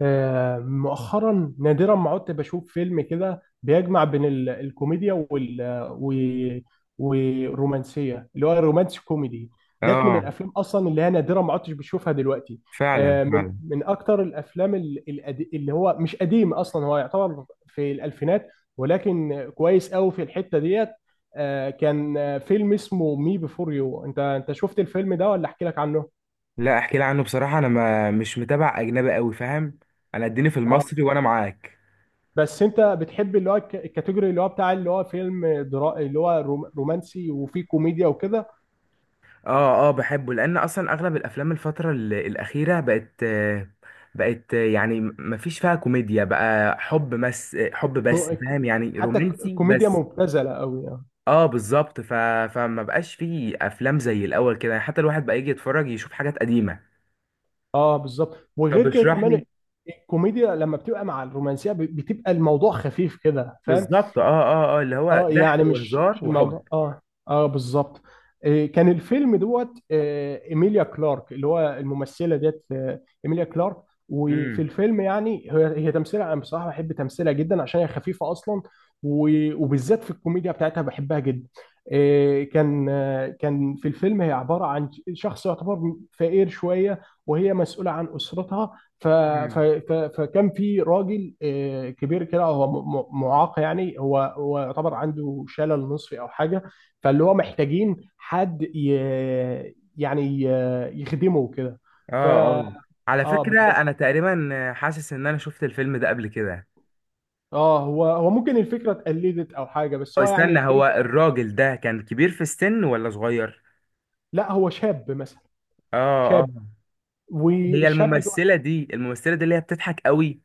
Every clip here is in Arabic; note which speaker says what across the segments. Speaker 1: مؤخرا نادرا ما عدت بشوف فيلم كده بيجمع بين الكوميديا و- والرومانسيه، اللي هو الرومانسي كوميدي. ديت من
Speaker 2: اه،
Speaker 1: الافلام اصلا اللي هي نادرا ما عدتش بشوفها دلوقتي.
Speaker 2: فعلا
Speaker 1: من
Speaker 2: فعلا
Speaker 1: من اكتر الافلام اللي هو مش قديم اصلا، هو يعتبر في الالفينات، ولكن كويس قوي في الحته ديت. آه، كان آه، فيلم اسمه مي بيفور يو. انت شفت الفيلم ده ولا احكي لك عنه؟
Speaker 2: لا احكي لي عنه. بصراحه انا ما مش متابع اجنبي قوي، فاهم. انا اديني في المصري وانا معاك.
Speaker 1: بس انت بتحب اللي هو الكاتيجوري اللي هو بتاع اللي هو اللي هو رومانسي وفيه كوميديا وكده.
Speaker 2: اه اه، بحبه لان اصلا اغلب الافلام الفتره الاخيره بقت بقت يعني ما فيش فيها كوميديا، بقى حب بس، حب
Speaker 1: رو-
Speaker 2: بس، فاهم؟
Speaker 1: الك-
Speaker 2: يعني
Speaker 1: حتى
Speaker 2: رومانسي
Speaker 1: كوميديا
Speaker 2: بس.
Speaker 1: مبتذله قوي يعني.
Speaker 2: اه بالظبط. فما بقاش فيه افلام زي الاول كده، يعني حتى الواحد بقى يجي يتفرج يشوف حاجات قديمه.
Speaker 1: اه بالظبط،
Speaker 2: طب
Speaker 1: وغير كده
Speaker 2: اشرح لي.
Speaker 1: كمان. الكوميديا لما بتبقى مع الرومانسيه، بتبقى الموضوع خفيف كده، فاهم.
Speaker 2: بالظبط، اه اه اه، اللي هو
Speaker 1: اه
Speaker 2: ضحك
Speaker 1: يعني مش
Speaker 2: وهزار
Speaker 1: مش
Speaker 2: وحب.
Speaker 1: الموضوع اه بالظبط. كان الفيلم دوت، ايميليا كلارك اللي هو الممثله ديت، ايميليا كلارك. وفي الفيلم يعني هي تمثيلها، انا بصراحه بحب تمثيلها جدا عشان هي خفيفه اصلا. وبالذات في الكوميديا بتاعتها بحبها جدا. كان في الفيلم هي عباره عن شخص يعتبر فقير شويه، وهي مسؤوله عن اسرتها.
Speaker 2: امم.
Speaker 1: فكان في راجل كبير كده، هو معاق، يعني هو يعتبر عنده شلل نصفي او حاجه. فاللي هو محتاجين حد يعني يخدمه كده.
Speaker 2: اه
Speaker 1: ف
Speaker 2: اه، على
Speaker 1: اه
Speaker 2: فكرة
Speaker 1: بالظبط.
Speaker 2: انا تقريبا حاسس ان انا شفت الفيلم ده قبل كده.
Speaker 1: اه هو ممكن الفكره اتقلدت او حاجه، بس
Speaker 2: أو
Speaker 1: هو يعني
Speaker 2: استنى، هو
Speaker 1: فيلم.
Speaker 2: الراجل ده كان كبير في السن ولا صغير؟
Speaker 1: لا هو شاب مثلا.
Speaker 2: اه اه.
Speaker 1: شاب.
Speaker 2: هي
Speaker 1: والشاب ده.
Speaker 2: الممثلة دي، الممثلة دي اللي هي بتضحك قوي؟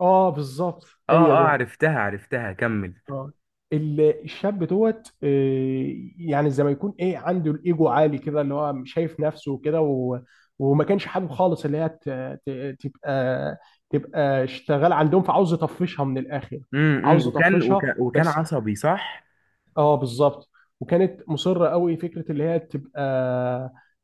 Speaker 1: اه بالظبط،
Speaker 2: اه
Speaker 1: هي
Speaker 2: اه،
Speaker 1: دي.
Speaker 2: عرفتها عرفتها، كمل.
Speaker 1: اه الشاب دوت، يعني زي ما يكون ايه عنده الايجو عالي كده، اللي هو شايف نفسه وكده، وما كانش حابب خالص اللي هي تبقى، تبقى اشتغل عندهم، فعاوز يطفشها من الاخر. عاوز
Speaker 2: امم. وكان وكان
Speaker 1: يطفشها
Speaker 2: وكان
Speaker 1: بس.
Speaker 2: عصبي صح؟
Speaker 1: اه بالظبط. وكانت مصره قوي فكره اللي هي تبقى،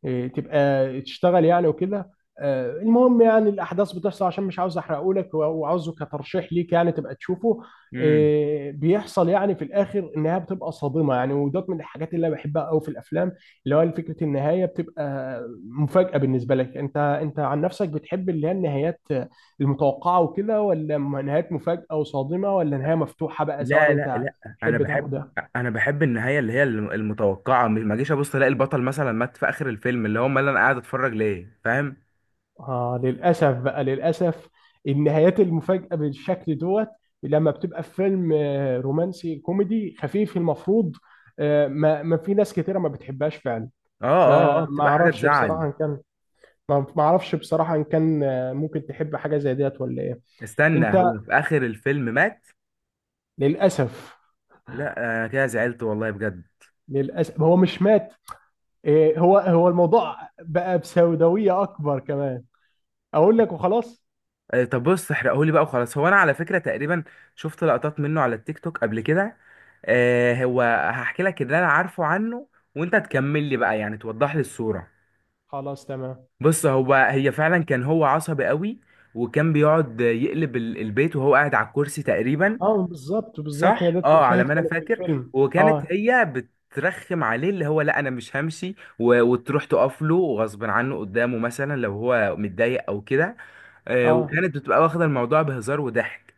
Speaker 1: إيه، تبقى تشتغل يعني وكده. المهم يعني الاحداث بتحصل، عشان مش عاوز احرقه لك، وعاوزه كترشيح ليك يعني تبقى تشوفه.
Speaker 2: امم.
Speaker 1: بيحصل يعني في الاخر النهايه بتبقى صادمه يعني، ودوت من الحاجات اللي انا بحبها قوي في الافلام، اللي هو فكره النهايه بتبقى مفاجاه. بالنسبه لك، انت عن نفسك بتحب اللي هي النهايات المتوقعه وكده، ولا نهايات مفاجاه وصادمه، ولا نهايه مفتوحه بقى؟ سواء
Speaker 2: لا لا
Speaker 1: انت
Speaker 2: لا، انا
Speaker 1: تحب ده
Speaker 2: بحب،
Speaker 1: وده.
Speaker 2: انا بحب النهاية اللي هي المتوقعة. ما جيش ابص الاقي البطل مثلا مات في اخر الفيلم، اللي هو امال انا قاعد اتفرج ليه؟ فاهم.
Speaker 1: للأسف بقى، للأسف النهايات المفاجئة بالشكل دوت لما بتبقى في فيلم رومانسي كوميدي خفيف المفروض، ما في ناس كتيرة ما بتحبهاش فعلا.
Speaker 2: اه اه اه،
Speaker 1: فما
Speaker 2: بتبقى حاجة
Speaker 1: اعرفش
Speaker 2: تزعل.
Speaker 1: بصراحة ان كان، ما اعرفش بصراحة ان كان ممكن تحب حاجة زي ديت ولا ايه. انت.
Speaker 2: استنى، هو في اخر الفيلم مات؟
Speaker 1: للأسف.
Speaker 2: لا انا كده زعلت والله بجد.
Speaker 1: للأسف هو مش مات. هو الموضوع بقى بسوداوية اكبر كمان. اقول لك وخلاص.
Speaker 2: طب بص احرقهولي بقى وخلاص. هو انا على فكره تقريبا شفت لقطات منه على التيك توك قبل كده. هو هحكي لك اللي انا عارفه عنه وانت تكمل لي بقى، يعني توضح لي الصوره.
Speaker 1: خلاص تمام.
Speaker 2: بص، هو هي فعلا كان هو عصبي قوي، وكان بيقعد يقلب البيت وهو قاعد على الكرسي تقريبا.
Speaker 1: اه بالظبط بالظبط، هي
Speaker 2: صح
Speaker 1: ديت
Speaker 2: اه، على
Speaker 1: مشاهد
Speaker 2: ما انا
Speaker 1: كانت في
Speaker 2: فاكر.
Speaker 1: الفيلم
Speaker 2: وكانت
Speaker 1: اه.
Speaker 2: هي بترخم عليه، اللي هو لا انا مش همشي، وتروح تقف له غصب عنه قدامه مثلا لو هو متضايق او كده. آه،
Speaker 1: اه.
Speaker 2: وكانت بتبقى واخده الموضوع بهزار وضحك.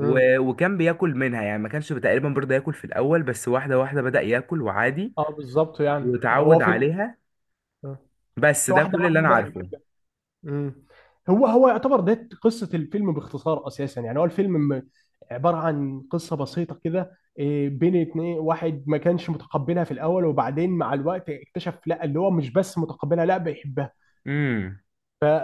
Speaker 1: امم.
Speaker 2: وكان بياكل منها. يعني ما كانش تقريبا برضه ياكل في الاول، بس واحده واحده بدأ ياكل وعادي،
Speaker 1: اه بالظبط، يعني هو
Speaker 2: وتعود
Speaker 1: في
Speaker 2: عليها. بس
Speaker 1: في
Speaker 2: ده
Speaker 1: واحده
Speaker 2: كل اللي
Speaker 1: واحده
Speaker 2: انا
Speaker 1: بدأ
Speaker 2: عارفه.
Speaker 1: يحبها. امم. هو يعتبر ده قصه الفيلم باختصار اساسا، يعني هو الفيلم عباره عن قصه بسيطه كده، إيه، بين اتنين، واحد ما كانش متقبلها في الاول، وبعدين مع الوقت اكتشف لا اللي هو مش بس متقبلها، لا بيحبها.
Speaker 2: امم.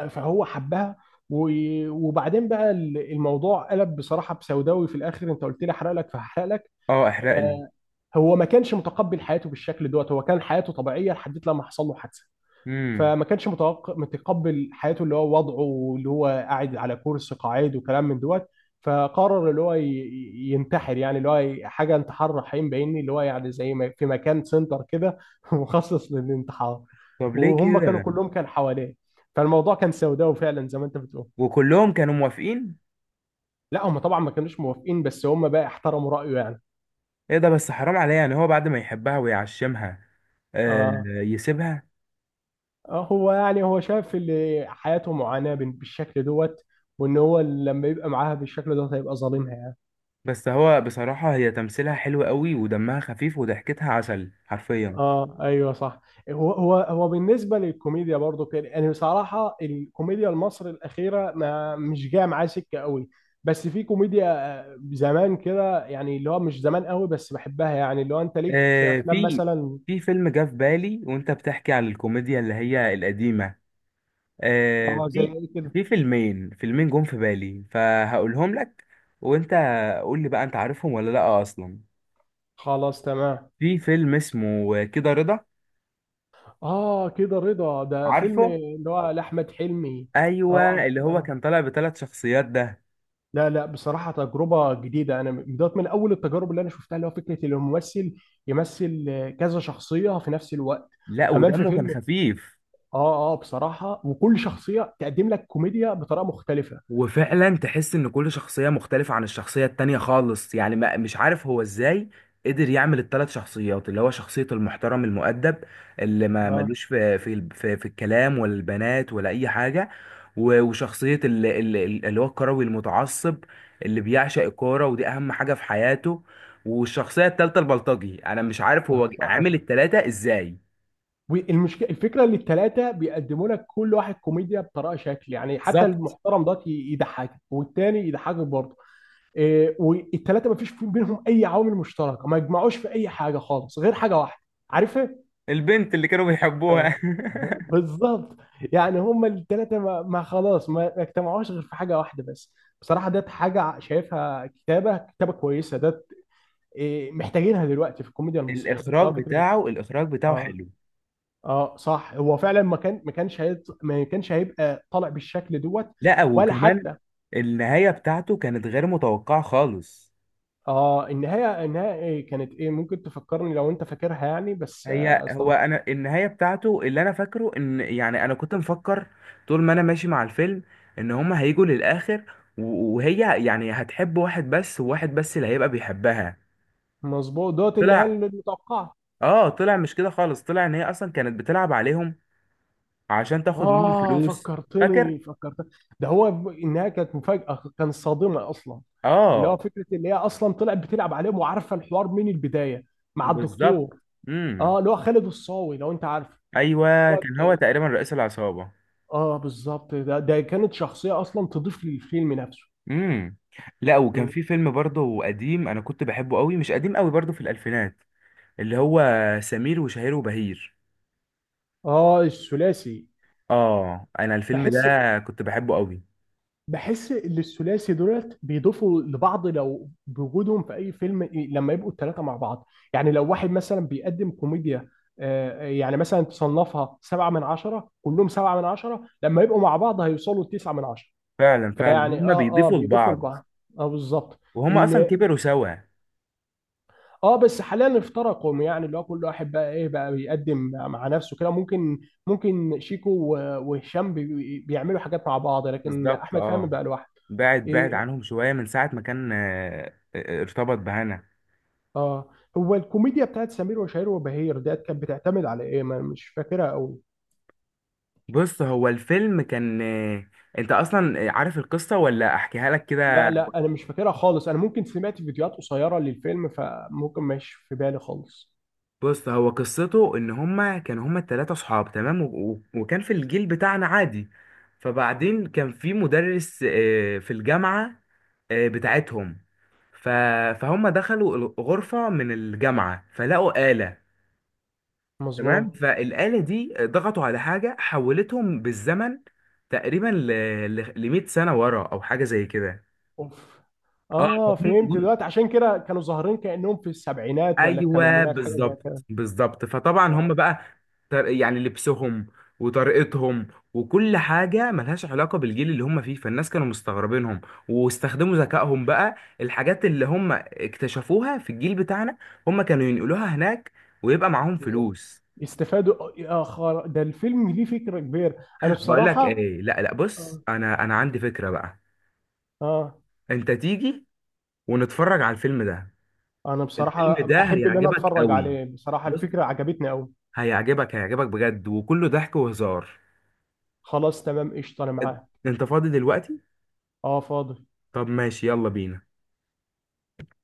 Speaker 1: فهو حبها. وبعدين بقى الموضوع قلب بصراحه بسوداوي في الاخر. انت قلت لي احرق لك فهحرق لك.
Speaker 2: اه احرق لي.
Speaker 1: آه، هو ما كانش متقبل حياته بالشكل دوت. هو كان حياته طبيعيه لحد لما حصل له حادثه.
Speaker 2: امم.
Speaker 1: فما كانش متقبل حياته، اللي هو وضعه واللي هو قاعد على كرسي قاعد وكلام من دوت. فقرر اللي هو ينتحر، يعني اللي هو حاجه انتحار رحيم بايني، اللي هو يعني زي ما في مكان سنتر كده مخصص للانتحار.
Speaker 2: طب ليه
Speaker 1: وهم كانوا
Speaker 2: كده؟
Speaker 1: كلهم كان حواليه. فالموضوع كان سوداوي فعلا زي ما انت بتقول.
Speaker 2: وكلهم كانوا موافقين؟
Speaker 1: لا هم طبعا ما كانوش موافقين، بس هم بقى احترموا رايه يعني.
Speaker 2: ايه ده، بس حرام عليه، يعني هو بعد ما يحبها ويعشمها آه
Speaker 1: اه.
Speaker 2: يسيبها.
Speaker 1: هو يعني هو شايف اللي حياته معاناة بالشكل دوت. وان هو لما يبقى معاها بالشكل دوت هيبقى ظالمها يعني.
Speaker 2: بس هو بصراحة هي تمثيلها حلو قوي، ودمها خفيف، وضحكتها عسل حرفيا.
Speaker 1: اه ايوه صح. هو بالنسبة للكوميديا برضو كده، يعني بصراحة الكوميديا المصري الأخيرة ما مش جاية معايا سكة قوي. بس في كوميديا زمان كده، يعني اللي هو مش زمان قوي بس بحبها، يعني اللي هو انت ليك في
Speaker 2: آه
Speaker 1: افلام
Speaker 2: في
Speaker 1: مثلا.
Speaker 2: في فيلم جه في بالي وانت بتحكي عن الكوميديا اللي هي القديمة. آه
Speaker 1: اه زي
Speaker 2: في
Speaker 1: ايه كده.
Speaker 2: في فيلمين جم في بالي، فهقولهم لك، وانت قول لي بقى انت عارفهم ولا لا اصلا.
Speaker 1: خلاص تمام.
Speaker 2: في فيلم اسمه كده رضا.
Speaker 1: اه كده رضا ده فيلم
Speaker 2: عارفه؟
Speaker 1: اللي هو لأحمد حلمي.
Speaker 2: ايوه،
Speaker 1: اه.
Speaker 2: اللي هو كان طالع بثلاث شخصيات ده.
Speaker 1: لا لا، بصراحة تجربة جديدة، أنا بدأت من أول التجارب اللي أنا شفتها اللي هو فكرة إن الممثل يمثل كذا شخصية في نفس الوقت.
Speaker 2: لا،
Speaker 1: وكمان في
Speaker 2: ودمه كان
Speaker 1: فيلم.
Speaker 2: خفيف.
Speaker 1: بصراحة وكل شخصية تقدم لك كوميديا بطريقة مختلفة.
Speaker 2: وفعلا تحس ان كل شخصية مختلفة عن الشخصية التانية خالص، يعني ما مش عارف هو ازاي قدر يعمل الثلاث شخصيات. اللي هو شخصية المحترم المؤدب اللي ما
Speaker 1: آه
Speaker 2: ملوش في الكلام ولا البنات ولا اي حاجة. وشخصية اللي هو الكروي المتعصب اللي بيعشق الكورة، ودي اهم حاجة في حياته. والشخصية التالتة البلطجي. انا مش عارف هو عامل التلاتة ازاي.
Speaker 1: والمشكلة الفكرة إن التلاتة بيقدموا لك كل واحد كوميديا بطريقة شكل، يعني حتى
Speaker 2: بالظبط.
Speaker 1: المحترم ده يضحكك والتاني يضحكك برضه. إيه، والتلاتة ما فيش بينهم أي عوامل مشتركة، ما يجمعوش في أي حاجة خالص غير حاجة واحدة. عارفة.
Speaker 2: البنت اللي كانوا بيحبوها
Speaker 1: بالظبط، يعني هما الثلاثه ما, ما خلاص ما ما اجتمعوش غير في حاجه واحده بس. بصراحه ده حاجه شايفها كتابه كتابه كويسه ده. إيه، محتاجينها دلوقتي في الكوميديا المصريه، ده
Speaker 2: الاخراج
Speaker 1: فكره.
Speaker 2: بتاعه، الاخراج بتاعه
Speaker 1: اه
Speaker 2: حلو.
Speaker 1: اه صح، هو فعلا ما كان ما كانش هيط... ما كانش هيبقى طالع بالشكل دوت.
Speaker 2: لا،
Speaker 1: ولا
Speaker 2: وكمان
Speaker 1: حتى.
Speaker 2: النهايه بتاعته كانت غير متوقعه خالص.
Speaker 1: اه، النهايه إيه كانت ايه؟ ممكن تفكرني لو انت فاكرها يعني، بس
Speaker 2: هي هو
Speaker 1: اصلا.
Speaker 2: انا النهايه بتاعته اللي انا فاكره، ان يعني انا كنت مفكر طول ما انا ماشي مع الفيلم ان هما هيجوا للاخر، وهي يعني هتحب واحد بس، وواحد بس اللي هيبقى بيحبها.
Speaker 1: مظبوط، دوت النهايه
Speaker 2: طلع،
Speaker 1: المتوقعه.
Speaker 2: اه طلع مش كده خالص. طلع ان هي اصلا كانت بتلعب عليهم عشان تاخد منهم فلوس. فاكر؟
Speaker 1: فكرتني فكرتني. ده هو إنها كانت مفاجأة، كانت صادمة أصلا. اللي هو
Speaker 2: اه
Speaker 1: فكرة اللي هي أصلا طلعت بتلعب عليهم وعارفة الحوار من البداية، مع
Speaker 2: بالظبط.
Speaker 1: الدكتور.
Speaker 2: امم.
Speaker 1: اللي هو خالد الصاوي لو أنت عارف. اللي
Speaker 2: ايوه كان
Speaker 1: هو-
Speaker 2: هو تقريبا رئيس العصابه.
Speaker 1: آه بالظبط، ده كانت شخصية أصلا تضيف للفيلم نفسه.
Speaker 2: امم. لا، وكان في فيلم برضه قديم انا كنت بحبه قوي، مش قديم قوي، برضه في الالفينات، اللي هو سمير وشهير وبهير.
Speaker 1: الثلاثي.
Speaker 2: اه انا الفيلم ده
Speaker 1: بحس
Speaker 2: كنت بحبه قوي.
Speaker 1: بحس ان الثلاثي دولت بيضيفوا لبعض لو بوجودهم في اي فيلم، إيه، لما يبقوا الثلاثه مع بعض. يعني لو واحد مثلا بيقدم كوميديا، يعني مثلا تصنفها سبعة من عشرة، كلهم سبعة من عشرة، لما يبقوا مع بعض هيوصلوا لتسعة من عشرة.
Speaker 2: فعلا فعلا،
Speaker 1: فيعني
Speaker 2: هما
Speaker 1: اه اه
Speaker 2: بيضيفوا
Speaker 1: بيضيفوا
Speaker 2: لبعض.
Speaker 1: لبعض. اه بالظبط.
Speaker 2: وهما اصلا
Speaker 1: ال-
Speaker 2: كبروا سوا.
Speaker 1: اه بس حاليا افترقوا، يعني اللي هو كل واحد بقى ايه بقى بيقدم مع نفسه كده. ممكن شيكو وهشام بيعملوا حاجات مع بعض، لكن
Speaker 2: بالظبط.
Speaker 1: احمد فهمي
Speaker 2: اه
Speaker 1: بقى لوحده.
Speaker 2: بعد
Speaker 1: إيه،.
Speaker 2: بعد عنهم شويه من ساعه ما كان ارتبط بهنا.
Speaker 1: اه هو الكوميديا بتاعت سمير وشهير وبهير ديت كانت بتعتمد على ايه؟ ما أنا مش فاكرها قوي.
Speaker 2: بص هو الفيلم كان انت اصلا عارف القصه ولا احكيها لك كده؟
Speaker 1: لا لا، انا مش فاكرها خالص، انا ممكن سمعت فيديوهات قصيره للفيلم، فممكن مش في بالي خالص.
Speaker 2: بص هو قصته ان هما كانوا، هما التلاتة صحاب تمام، وكان في الجيل بتاعنا عادي. فبعدين كان في مدرس في الجامعة بتاعتهم. ف... فهم دخلوا غرفة من الجامعة فلقوا آلة. تمام،
Speaker 1: مظبوط.
Speaker 2: فالآلة دي ضغطوا على حاجة حولتهم بالزمن تقريبا ل 100 سنة ورا أو حاجة زي كده.
Speaker 1: اوف.
Speaker 2: اه
Speaker 1: اه فهمت دلوقتي، عشان كده كانوا ظاهرين كانهم في السبعينات ولا
Speaker 2: ايوه
Speaker 1: الثمانينات حاجه زي
Speaker 2: بالظبط
Speaker 1: كده.
Speaker 2: بالظبط. فطبعا هم
Speaker 1: اه
Speaker 2: بقى يعني لبسهم وطريقتهم وكل حاجه ملهاش علاقه بالجيل اللي هم فيه، فالناس كانوا مستغربينهم. واستخدموا ذكائهم بقى، الحاجات اللي هم اكتشفوها في الجيل بتاعنا هم كانوا ينقلوها هناك ويبقى معاهم
Speaker 1: بالظبط.
Speaker 2: فلوس.
Speaker 1: استفادوا ده الفيلم ليه فكره كبيره. انا
Speaker 2: بقول لك
Speaker 1: بصراحه.
Speaker 2: ايه، لا لا بص،
Speaker 1: اه.
Speaker 2: انا عندي فكره بقى.
Speaker 1: آه،
Speaker 2: انت تيجي ونتفرج على الفيلم ده.
Speaker 1: انا
Speaker 2: الفيلم
Speaker 1: بصراحه
Speaker 2: ده
Speaker 1: احب اللي انا
Speaker 2: هيعجبك
Speaker 1: اتفرج
Speaker 2: قوي،
Speaker 1: عليه، بصراحه
Speaker 2: بص،
Speaker 1: الفكره عجبتني قوي.
Speaker 2: هيعجبك، هيعجبك بجد، وكله ضحك وهزار.
Speaker 1: خلاص تمام، قشطة، أنا معاه.
Speaker 2: انت فاضي دلوقتي؟
Speaker 1: أه فاضي
Speaker 2: طب ماشي، يلا بينا.